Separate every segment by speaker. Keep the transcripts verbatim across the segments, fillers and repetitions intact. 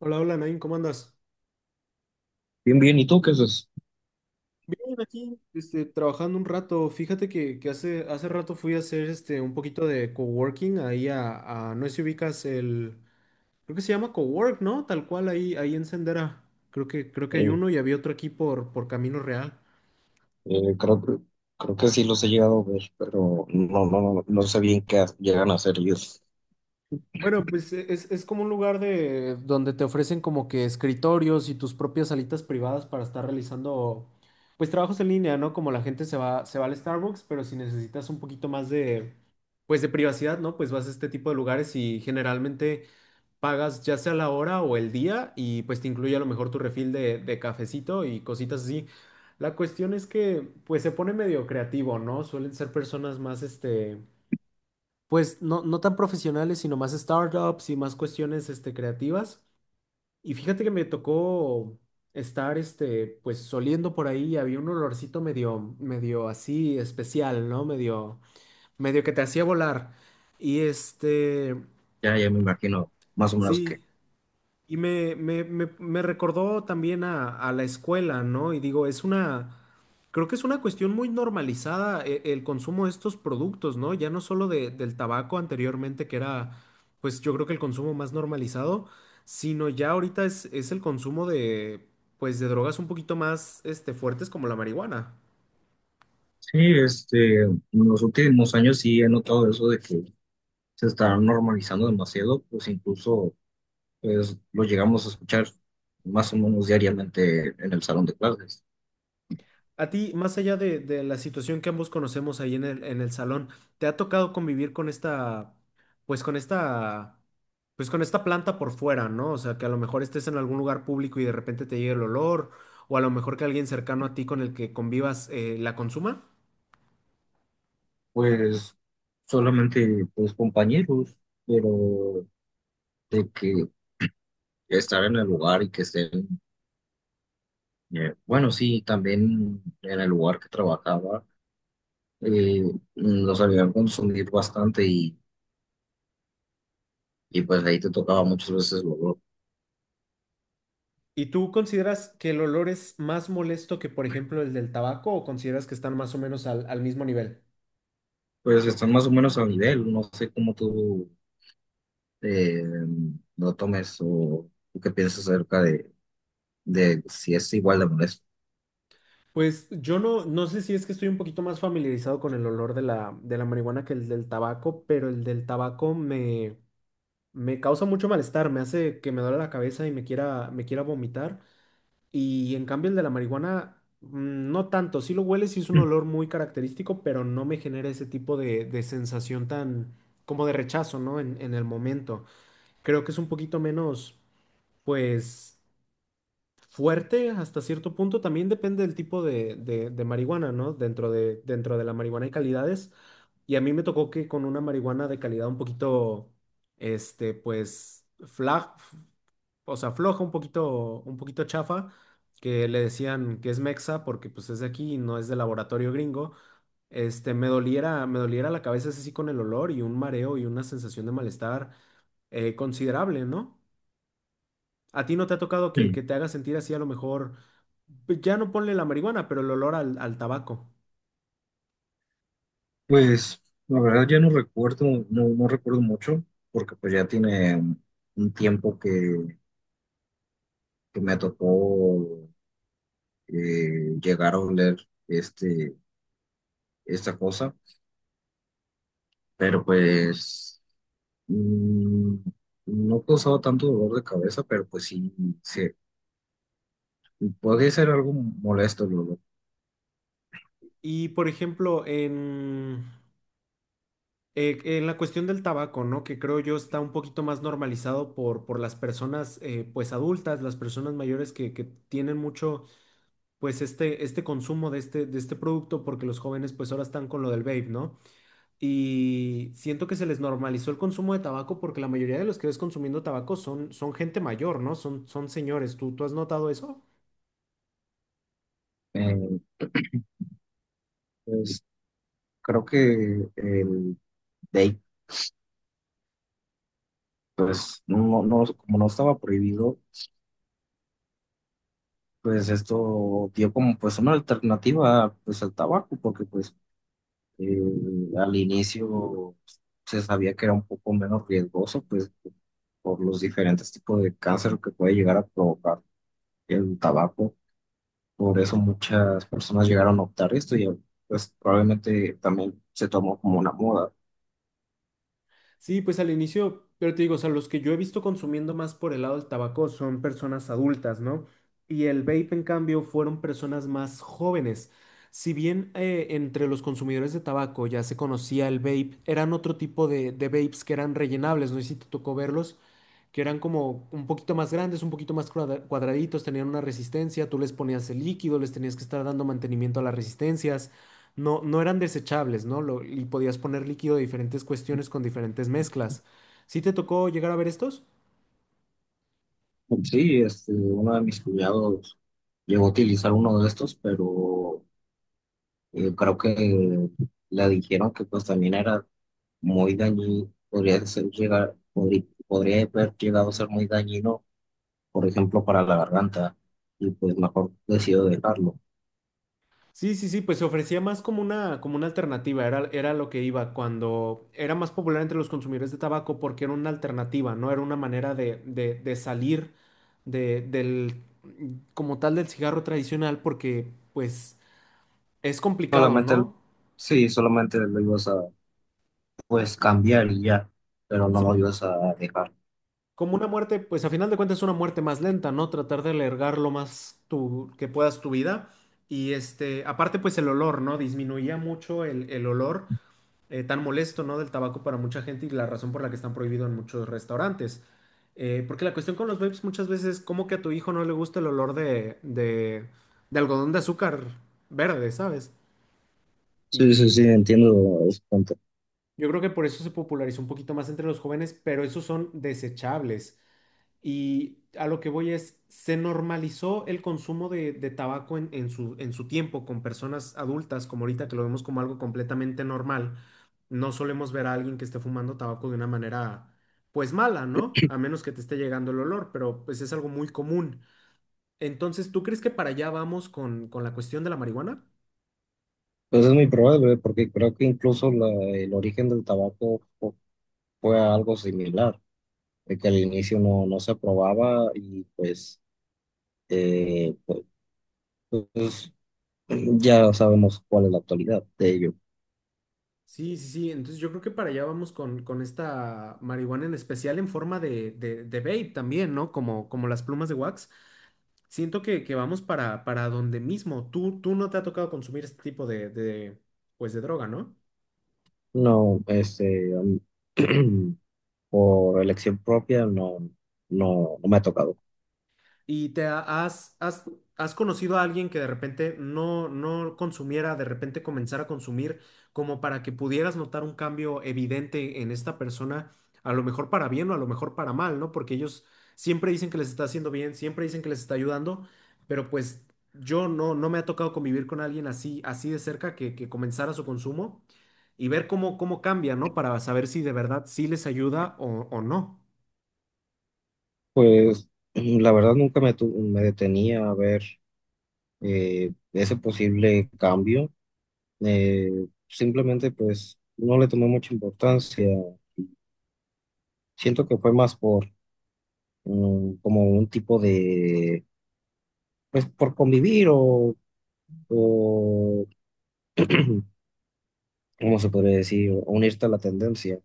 Speaker 1: Hola, hola, Nain, ¿cómo andas?
Speaker 2: Bien, bien, ¿y tú qué haces?
Speaker 1: Bien, aquí, este, trabajando un rato. Fíjate que, que hace, hace rato fui a hacer este, un poquito de coworking ahí a, a- no sé si ubicas el, creo que se llama cowork, ¿no? Tal cual ahí, ahí en Sendera. Creo que, creo que hay
Speaker 2: Eh,
Speaker 1: uno y había otro aquí por, por Camino Real.
Speaker 2: eh, creo, que- creo que sí los he llegado a ver, pero no, no, no sé bien qué llegan a hacer ellos.
Speaker 1: Bueno, pues e- es, es como un lugar de donde te ofrecen como que escritorios y tus propias salitas privadas para estar realizando pues trabajos en línea, ¿no? Como la gente se va, se va al Starbucks, pero si necesitas un poquito más de pues de privacidad, ¿no? Pues vas a este tipo de lugares y generalmente pagas ya sea la hora o el día y pues te incluye a lo mejor tu refil de, de cafecito y cositas así. La cuestión es que pues se pone medio creativo, ¿no? Suelen ser personas más este pues no, no tan profesionales, sino más startups y más cuestiones este, creativas. Y fíjate que me tocó estar este, pues oliendo por ahí y había un olorcito medio, medio así especial, ¿no? Medio, medio que te hacía volar. Y este,
Speaker 2: Ya, ya me imagino, más o menos que.
Speaker 1: sí, y me, me, me, me recordó también a, a la escuela, ¿no? Y digo, es una, creo que es una cuestión muy normalizada e- el, consumo de estos productos, ¿no? Ya no solo de- del tabaco anteriormente, que era, pues yo creo que el consumo más normalizado, sino ya ahorita es, es el consumo de, pues de drogas un poquito más, este, fuertes como la marihuana.
Speaker 2: Sí, este, en los últimos años sí he notado eso de que se está normalizando demasiado, pues incluso pues, lo llegamos a escuchar más o menos diariamente en el salón de clases.
Speaker 1: A ti, más allá de, de la situación que ambos conocemos ahí en el, en el salón, ¿te ha tocado convivir con esta, pues con esta, pues con esta planta por fuera, ¿no? O sea, que a lo mejor estés en algún lugar público y de repente te llegue el olor, o a lo mejor que alguien cercano a ti con el que convivas eh, la consuma.
Speaker 2: Pues solamente pues compañeros, pero de que estar en el lugar y que estén Eh, bueno, sí, también en el lugar que trabajaba eh, los habían consumido bastante y, y pues ahí te tocaba muchas veces luego.
Speaker 1: ¿Y tú consideras que el olor es más molesto que, por ejemplo, el del tabaco o consideras que están más o menos al, al mismo nivel?
Speaker 2: Pues están más o menos al nivel, no sé cómo tú eh, lo tomes o tú qué piensas acerca de, de si es igual de molesto.
Speaker 1: Pues yo no, no sé si es que estoy un poquito más familiarizado con el olor de la, de la marihuana que el del tabaco, pero el del tabaco me, me causa mucho malestar, me hace que me duele la cabeza y me quiera, me quiera vomitar. Y en cambio el de la marihuana, mm, no tanto, sí lo huele, sí es un olor muy característico, pero no me genera ese tipo de, de sensación tan como de rechazo, ¿no? En, en el momento. Creo que es un poquito menos, pues fuerte hasta cierto punto. También depende del tipo de, de- de marihuana, ¿no? Dentro de, dentro de la marihuana hay calidades. Y a mí me tocó que con una marihuana de calidad un poquito, este, pues, flag, o sea, floja, un poquito, un poquito chafa, que le decían que es mexa porque pues es de aquí, y no es de laboratorio gringo. Este, me doliera, me doliera la cabeza así con el olor y un mareo y una sensación de malestar eh, considerable, ¿no? ¿A ti no te ha tocado que, que te haga sentir así a lo mejor, pues, ya no ponle la marihuana, pero el olor al, al tabaco?
Speaker 2: Pues la verdad ya no recuerdo, no, no recuerdo mucho, porque pues ya tiene un tiempo que, que me tocó eh, llegar a oler este esta cosa, pero pues mm, no causaba tanto dolor de cabeza, pero pues sí, sí, podría ser algo molesto, el.
Speaker 1: Y por ejemplo, en, eh, en la cuestión del tabaco, ¿no? Que creo yo está un poquito más normalizado por, por las personas eh, pues adultas, las personas mayores que, que tienen mucho pues este, este consumo de este, de este producto porque los jóvenes pues ahora están con lo del vape, ¿no? Y siento que se les normalizó el consumo de tabaco porque la mayoría de los que ves consumiendo tabaco son, son gente mayor, ¿no? Son, son señores. ¿Tú, tú has notado eso?
Speaker 2: Eh, pues creo que el date, pues no, no, como no estaba prohibido, pues esto dio como pues una alternativa pues al tabaco, porque pues eh, al inicio se sabía que era un poco menos riesgoso, pues por los diferentes tipos de cáncer que puede llegar a provocar el tabaco. Por eso muchas personas llegaron a optar esto y pues probablemente también se tomó como una moda.
Speaker 1: Sí, pues al inicio, pero te digo, o sea, los que yo he visto consumiendo más por el lado del tabaco son personas adultas, ¿no? Y el vape, en cambio, fueron personas más jóvenes. Si bien eh, entre los consumidores de tabaco ya se conocía el vape, eran otro tipo de, de vapes que eran rellenables, no sé si te tocó verlos, que eran como un poquito más grandes, un poquito más cuadra- cuadraditos, tenían una resistencia, tú les ponías el líquido, les tenías que estar dando mantenimiento a las resistencias. No, no eran desechables, ¿no? Lo- y podías poner líquido de diferentes cuestiones con diferentes mezclas. ¿Sí te tocó llegar a ver estos?
Speaker 2: Sí, este, uno de mis cuñados llegó a utilizar uno de estos, pero eh, creo que le dijeron que pues también era muy dañino, podría ser llegar, podri- podría haber llegado a ser muy dañino, por ejemplo, para la garganta, y pues mejor decidió dejarlo.
Speaker 1: Sí, sí, sí, pues se ofrecía más como una, como una alternativa, era, era lo que iba cuando era más popular entre los consumidores de tabaco porque era una alternativa, ¿no? Era una manera de, de- de salir de, del, como tal del cigarro tradicional porque pues es complicado,
Speaker 2: Solamente, el-
Speaker 1: ¿no?
Speaker 2: sí, solamente lo ibas a pues cambiar y ya, pero no lo ibas a dejar.
Speaker 1: Como una muerte, pues a final de cuentas es una muerte más lenta, ¿no? Tratar de alargar lo más tu, que puedas tu vida. Y este, aparte, pues el olor, ¿no? Disminuía mucho el, el olor eh, tan molesto, ¿no? Del tabaco para mucha gente y la razón por la que están prohibidos en muchos restaurantes. Eh, porque la cuestión con los vapes muchas veces es como que a tu hijo no le gusta el olor de, de, de algodón de azúcar verde, ¿sabes?
Speaker 2: Sí, sí, sí,
Speaker 1: Y
Speaker 2: entiendo ese punto.
Speaker 1: yo creo que por eso se popularizó un poquito más entre los jóvenes, pero esos son desechables. Y a lo que voy es, se normalizó el consumo de, de tabaco en, en su, en su tiempo con personas adultas, como ahorita que lo vemos como algo completamente normal. No solemos ver a alguien que esté fumando tabaco de una manera, pues mala, ¿no? A menos que te esté llegando el olor, pero pues es algo muy común. Entonces, ¿tú crees que para allá vamos con, con la cuestión de la marihuana?
Speaker 2: Pues es muy probable, ¿eh? Porque creo que incluso la- el origen del tabaco fu- fue algo similar, de que al inicio no, no se aprobaba y pues, eh, pues, pues, ya sabemos cuál es la actualidad de ello.
Speaker 1: Sí, sí, sí. Entonces yo creo que para allá vamos con, con esta marihuana en especial en forma de, de, de vape también, ¿no? Como, como las plumas de wax. Siento que, que vamos para, para donde mismo. Tú, tú no te ha tocado consumir este tipo de, de, pues de droga, ¿no?
Speaker 2: No, este, a mí- por elección propia no, no, no me ha tocado.
Speaker 1: ¿Y te ha- has, has, has conocido a alguien que de repente no, no consumiera, de repente comenzara a consumir, como para que pudieras notar un cambio evidente en esta persona, a lo mejor para bien o a lo mejor para mal, ¿no? Porque ellos siempre dicen que les está haciendo bien, siempre dicen que les está ayudando, pero pues yo no, no me ha tocado convivir con alguien así, así de cerca que, que comenzara su consumo y ver cómo, cómo cambia, ¿no? Para saber si de verdad sí les ayuda o, o no.
Speaker 2: Pues la verdad nunca me, tu- me detenía a ver eh, ese posible cambio. Eh, simplemente pues no le tomé mucha importancia. Siento que fue más por mm, como un tipo de, pues por convivir o, o ¿cómo se podría decir? O unirte a la tendencia.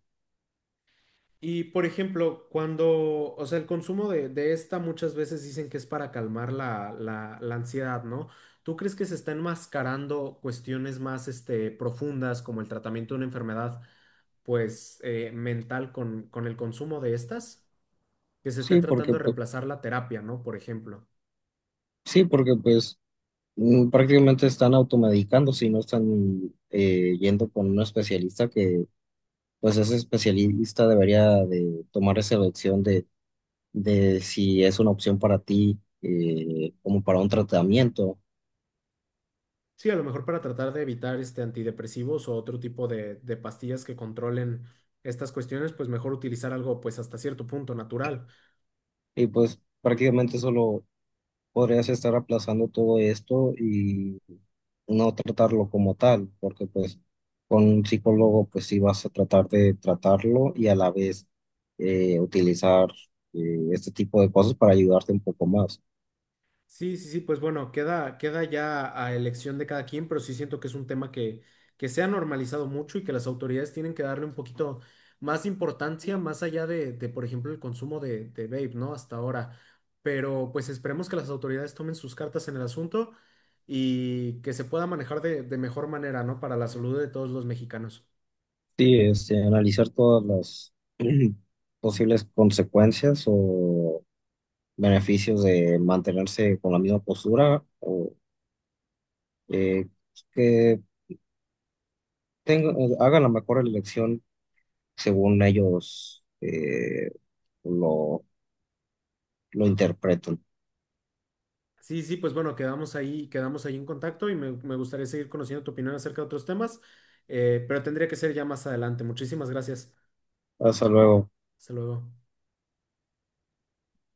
Speaker 1: Y por ejemplo, cuando, o sea, el consumo de, de esta muchas veces dicen que es para calmar la, la, la ansiedad, ¿no? ¿Tú crees que se está enmascarando cuestiones más, este, profundas como el tratamiento de una enfermedad, pues, eh, mental con, con el consumo de estas? Que se esté
Speaker 2: Sí, porque,
Speaker 1: tratando de
Speaker 2: pu-
Speaker 1: reemplazar la terapia, ¿no? Por ejemplo.
Speaker 2: sí, porque pues mm, prácticamente están automedicándose y no están eh, yendo con un especialista que pues ese especialista debería de tomar esa elección de si es una opción para ti eh, como para un tratamiento.
Speaker 1: Sí, a lo mejor para tratar de evitar, este, antidepresivos o otro tipo de, de pastillas que controlen estas cuestiones, pues mejor utilizar algo, pues, hasta cierto punto natural.
Speaker 2: Y pues prácticamente solo podrías estar aplazando todo esto y no tratarlo como tal, porque pues con un psicólogo pues sí vas a tratar de tratarlo y a la vez eh, utilizar eh, este tipo de cosas para ayudarte un poco más.
Speaker 1: Sí, sí, sí, pues bueno, queda, queda ya a elección de cada quien, pero sí siento que es un tema que, que se ha normalizado mucho y que las autoridades tienen que darle un poquito más importancia, más allá de, de, por ejemplo, el consumo de, de vape, ¿no? Hasta ahora. Pero pues esperemos que las autoridades tomen sus cartas en el asunto y que se pueda manejar de, de mejor manera, ¿no? Para la salud de todos los mexicanos.
Speaker 2: Sí, este, analizar todas las posibles consecuencias o beneficios de mantenerse con la misma postura eh, que tengan, eh, hagan la mejor elección según ellos eh, lo, lo interpreten.
Speaker 1: Sí, sí, pues bueno, quedamos ahí, quedamos ahí en contacto y me, me gustaría seguir conociendo tu opinión acerca de otros temas, eh, pero tendría que ser ya más adelante. Muchísimas gracias.
Speaker 2: Hasta luego.
Speaker 1: Hasta luego.